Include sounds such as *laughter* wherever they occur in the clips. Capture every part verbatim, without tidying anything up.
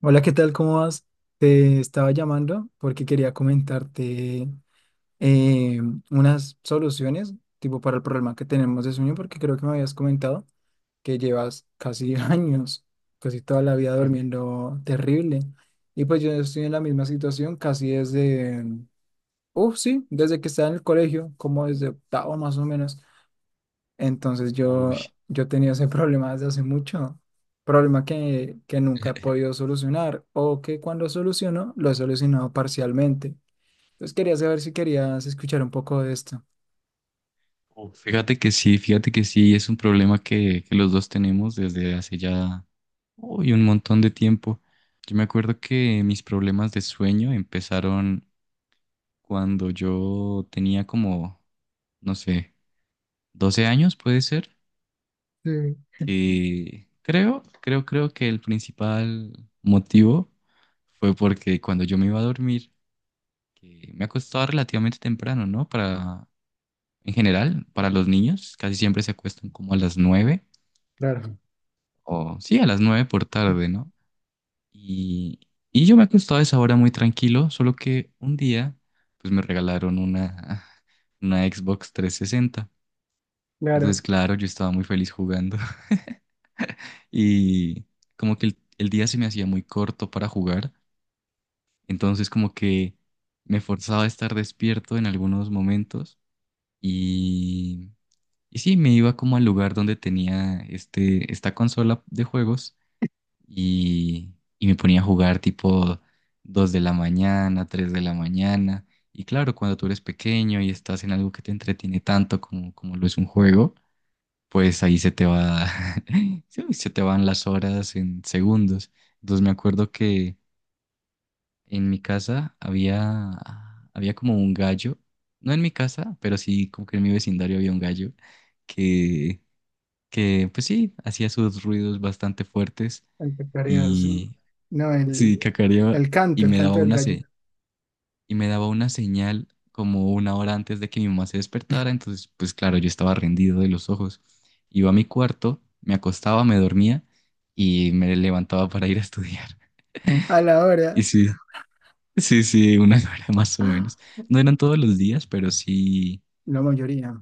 Hola, ¿qué tal? ¿Cómo vas? Te estaba llamando porque quería comentarte eh, unas soluciones tipo para el problema que tenemos de sueño, porque creo que me habías comentado que llevas casi *laughs* años, casi toda la vida Uy, durmiendo terrible. Y pues yo estoy en la misma situación casi desde, uff, sí, desde que estaba en el colegio, como desde octavo más o menos. Entonces yo, yo tenía ese *laughs* problema desde hace mucho, problema que, que nunca he podido solucionar o que cuando soluciono lo he solucionado parcialmente. Entonces quería saber si querías escuchar un poco de esto. oh, fíjate que sí, fíjate que sí, es un problema que, que los dos tenemos desde hace ya uy, un montón de tiempo. Yo me acuerdo que mis problemas de sueño empezaron cuando yo tenía como, no sé, doce años, puede ser, Sí, que creo, creo, creo que el principal motivo fue porque cuando yo me iba a dormir, que me acostaba relativamente temprano, ¿no? Para, en general, para los niños, casi siempre se acuestan como a las nueve claro, o sí, a las nueve por tarde, ¿no? Y, y yo me acostaba a esa hora muy tranquilo, solo que un día, pues me regalaron una, *laughs* una Xbox trescientos sesenta. Entonces, claro, claro, yo estaba muy feliz jugando. *laughs* Y como que el, el día se me hacía muy corto para jugar, entonces como que me forzaba a estar despierto en algunos momentos y, y sí, me iba como al lugar donde tenía este, esta consola de juegos y, y me ponía a jugar tipo dos de la mañana, tres de la mañana. Y claro, cuando tú eres pequeño y estás en algo que te entretiene tanto como, como lo es un juego, pues ahí se te va, *laughs* sí, se te van las horas en segundos. Entonces me acuerdo que en mi casa había, había como un gallo, no en mi casa, pero sí como que en mi vecindario había un gallo que, que pues sí, hacía sus ruidos bastante fuertes empezaría así. y, No, sí, el, cacareaba el y canto, el me daba canto del una gallo. se- y me daba una señal como una hora antes de que mi mamá se despertara. Entonces pues claro, yo estaba rendido de los ojos. Iba a mi cuarto, me acostaba, me dormía y me levantaba para ir a estudiar. A *laughs* la hora, Y sí, sí, sí, una *laughs* hora más o ¡ah! menos. No eran todos los días, pero sí, La mayoría.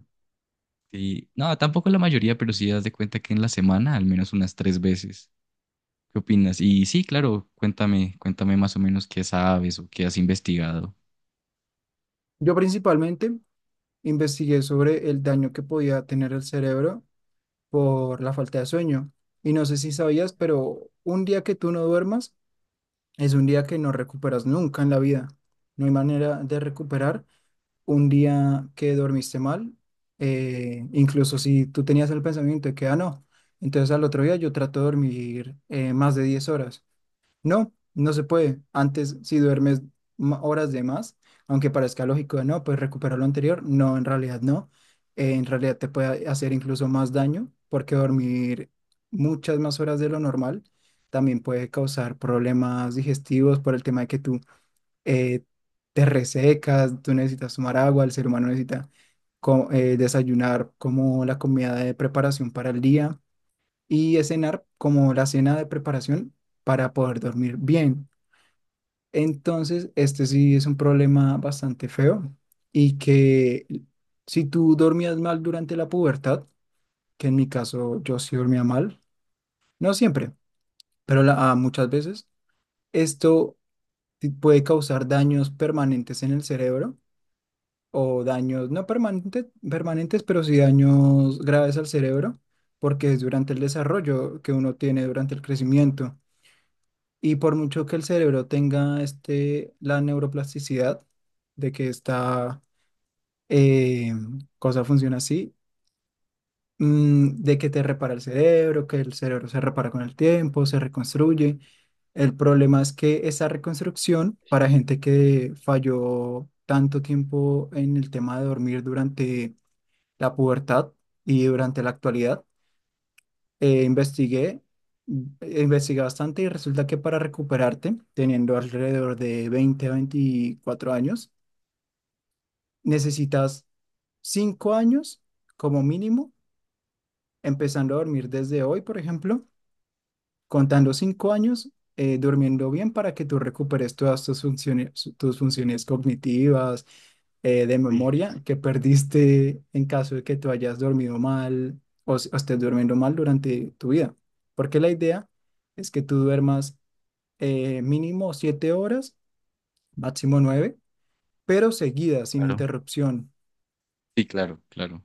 sí, no, tampoco la mayoría, pero sí das de cuenta que en la semana al menos unas tres veces. ¿Qué opinas? Y sí, claro, cuéntame, cuéntame más o menos qué sabes o qué has investigado. Yo principalmente investigué sobre el daño que podía tener el cerebro por la falta de sueño. Y no sé si sabías, pero un día que tú no duermas es un día que no recuperas nunca en la vida. No hay manera de recuperar un día que dormiste mal, eh, incluso si tú tenías el pensamiento de que, ah, no, entonces al otro día yo trato de dormir eh, más de diez horas. No, no se puede. Antes, si duermes ma- horas de más, aunque parezca lógico, no, pues recuperar lo anterior. No, en realidad no. Eh, en realidad te puede hacer incluso más daño porque dormir muchas más horas de lo normal también puede causar problemas digestivos por el tema de que tú eh, te resecas, tú necesitas tomar agua, el ser humano necesita co- eh, desayunar como la comida de preparación para el día y eh, cenar como la cena de preparación para poder dormir bien. Entonces, este sí es un problema bastante feo y que si tú dormías mal durante la pubertad, que en mi caso yo sí dormía mal, no siempre, pero la- ah, muchas veces, esto ti- puede causar daños permanentes en el cerebro o daños no permanentes, permanentes, pero sí daños graves al cerebro, porque es durante el desarrollo que uno tiene durante el crecimiento. Y por mucho que el cerebro tenga este, la neuroplasticidad, de que esta eh, cosa funciona así, mm, de que te repara el cerebro, que el cerebro se repara con el tiempo, se reconstruye. El problema es que esa reconstrucción para gente que falló tanto tiempo en el tema de dormir durante la pubertad y durante la actualidad, eh, investigué, eh, investigué bastante y resulta que para recuperarte, teniendo alrededor de veinte a veinticuatro años, necesitas cinco años como mínimo, empezando a dormir desde hoy, por ejemplo, contando cinco años, eh, durmiendo bien para que tú recuperes todas tus funciones, tus funciones cognitivas, eh, de memoria que perdiste en caso de que tú hayas dormido mal o, s- o estés durmiendo mal durante tu vida. Porque la idea es que tú duermas eh, mínimo siete horas, máximo nueve, pero seguidas, sin Claro. interrupción. *clears throat* Sí, claro, claro.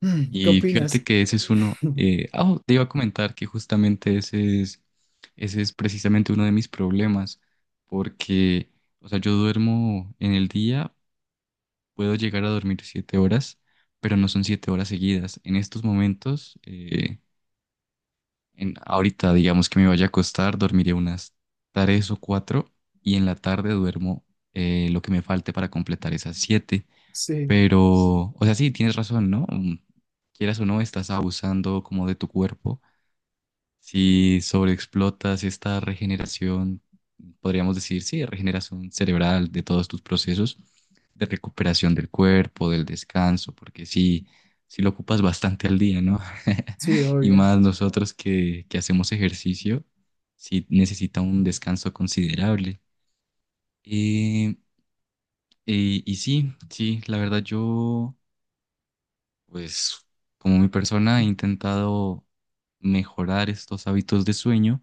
Mm, ¿qué Y fíjate opinas? que ese es uno. *clears throat* eh, *laughs* ah, oh, te iba a comentar que justamente ese es, ese es precisamente uno de mis problemas, porque, o sea, yo duermo en el día, puedo llegar a dormir siete horas, pero no son siete horas seguidas. En estos momentos, eh, en, ahorita, digamos que me vaya a acostar, dormiré unas tres o cuatro, y en la tarde duermo eh, lo que me falte para completar esas siete. Sí, Pero, o sea, sí, tienes razón, ¿no? Mm, Quieras o no, estás abusando como de tu cuerpo. Si sobreexplotas esta regeneración, podríamos decir, sí, regeneración cerebral de todos tus procesos de recuperación del cuerpo, del descanso, porque sí, sí lo ocupas bastante al día, ¿no? sí, *laughs* Y obvio. más nosotros que, que hacemos ejercicio, sí necesita un descanso considerable. Eh, eh, y sí, sí, la verdad yo... Pues como mi persona he intentado mejorar estos hábitos de sueño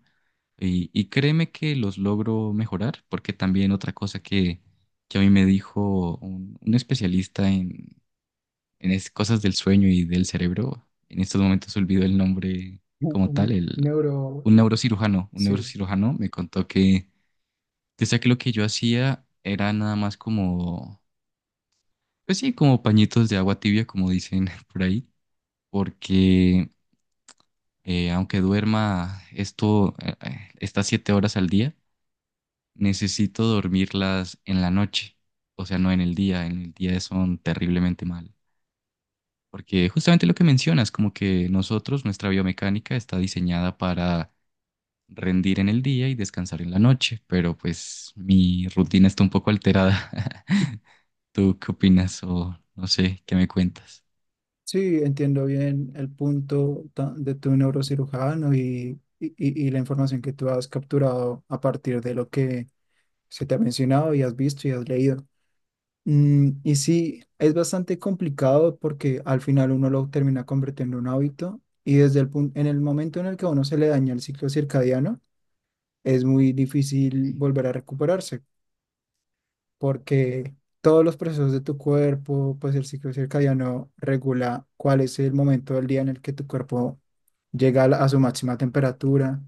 y, y créeme que los logro mejorar porque también otra cosa que, que a mí me dijo un, un especialista en, en es- cosas del sueño y del cerebro, en estos momentos olvido el nombre Un como tal, un el, neuro, un neurocirujano, un sí. neurocirujano me contó que decía que lo que yo hacía era nada más como, pues sí, como pañitos de agua tibia, como dicen *laughs* por ahí porque Eh, aunque duerma esto, eh, eh, estas siete horas al día, necesito dormirlas en la noche, o sea, no en el día, en el día son terriblemente mal. Porque justamente lo que mencionas, como que nosotros, nuestra biomecánica está diseñada para rendir en el día y descansar en la noche, pero pues mi rutina está un poco alterada. *laughs* ¿Tú qué opinas o no sé, qué me cuentas? Sí, entiendo bien el punto ta- de tu neurocirujano y, y, y- y la información que tú has capturado a partir de lo que se te ha mencionado y has visto y has leído. Mm, y sí, es bastante complicado porque al final uno lo termina convirtiendo en un hábito y desde el punto, en el momento en el que a uno se le daña el ciclo circadiano, es muy difícil Sí. volver a recuperarse porque todos los procesos de tu cuerpo, pues el ciclo circadiano regula cuál es el momento del día en el que tu cuerpo llega a, la- a su máxima temperatura.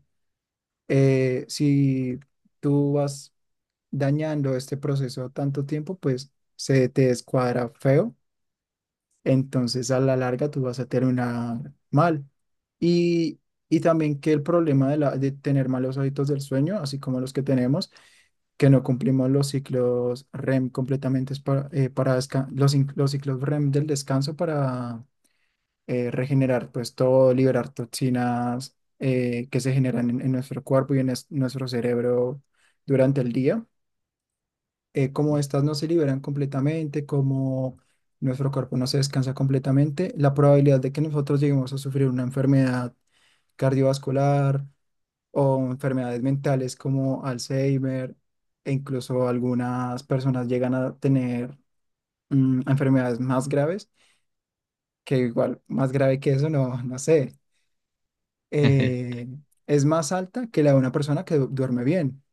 Eh, si tú vas dañando este proceso tanto tiempo, pues se te descuadra feo entonces a la larga tú vas a terminar mal. Y, y también que el problema de, la, de tener malos hábitos del sueño, así como los que tenemos, que no cumplimos los ciclos REM completamente es para, eh, para desca- los, in- los ciclos REM del descanso para eh, regenerar pues todo, liberar toxinas eh, que se generan en, en nuestro cuerpo y en es- nuestro cerebro durante el día eh, como estas no se liberan completamente, como nuestro cuerpo no se descansa completamente, la probabilidad de que nosotros lleguemos a sufrir una enfermedad cardiovascular o enfermedades mentales como Alzheimer e incluso algunas personas llegan a tener mm, enfermedades más graves, que igual más grave que eso, no, no sé, *laughs* eh, es más alta que la de una persona que du- duerme bien.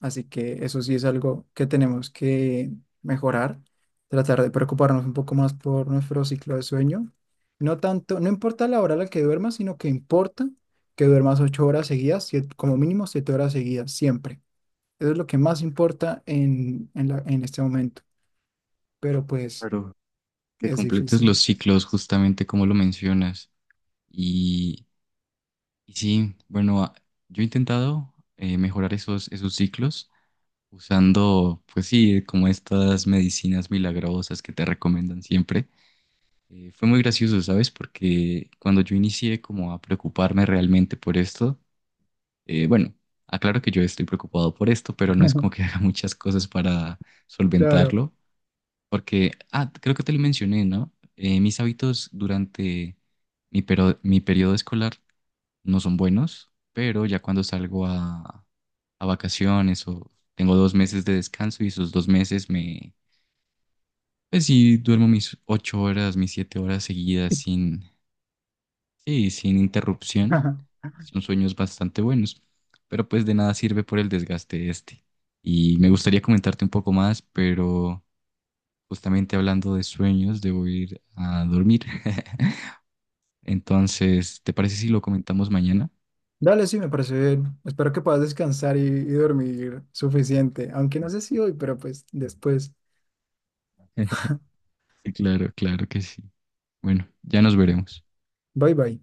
Así que eso sí es algo que tenemos que mejorar, tratar de preocuparnos un poco más por nuestro ciclo de sueño. No tanto, no importa la hora a la que duermas, sino que importa que duermas ocho horas seguidas, siete- como mínimo siete horas seguidas, siempre. Eso es lo que más importa en, en la- en este momento, pero pues Claro, que es completes difícil. los ciclos justamente como lo mencionas. Y sí, bueno, a- yo he intentado eh, mejorar esos, esos ciclos usando, pues sí, como estas medicinas milagrosas que te recomiendan siempre. Eh, fue muy gracioso, ¿sabes? Porque cuando yo inicié como a preocuparme realmente por esto, eh, bueno, aclaro que yo estoy preocupado por esto, pero no es como que *laughs* *laughs* haga muchas cosas para Claro. solventarlo, porque, ah, creo que te lo mencioné, ¿no? Eh, mis hábitos durante mi, pero- mi periodo escolar no son buenos, pero ya cuando salgo a, a vacaciones o tengo dos meses de descanso y esos dos meses me, pues sí, duermo mis ocho horas, mis siete horas seguidas sin, sí, sin interrupción. Ajá. Son sueños bastante buenos, pero pues de nada sirve por el desgaste este. Y me gustaría comentarte un poco más, pero justamente hablando de sueños, debo ir a dormir. *laughs* Entonces, ¿te parece si lo comentamos mañana? Dale, sí, me parece bien. Espero que puedas descansar y y dormir suficiente, aunque no sé si hoy, pero pues después. *laughs* Sí, claro, claro que sí. Bueno, ya nos veremos. Bye bye.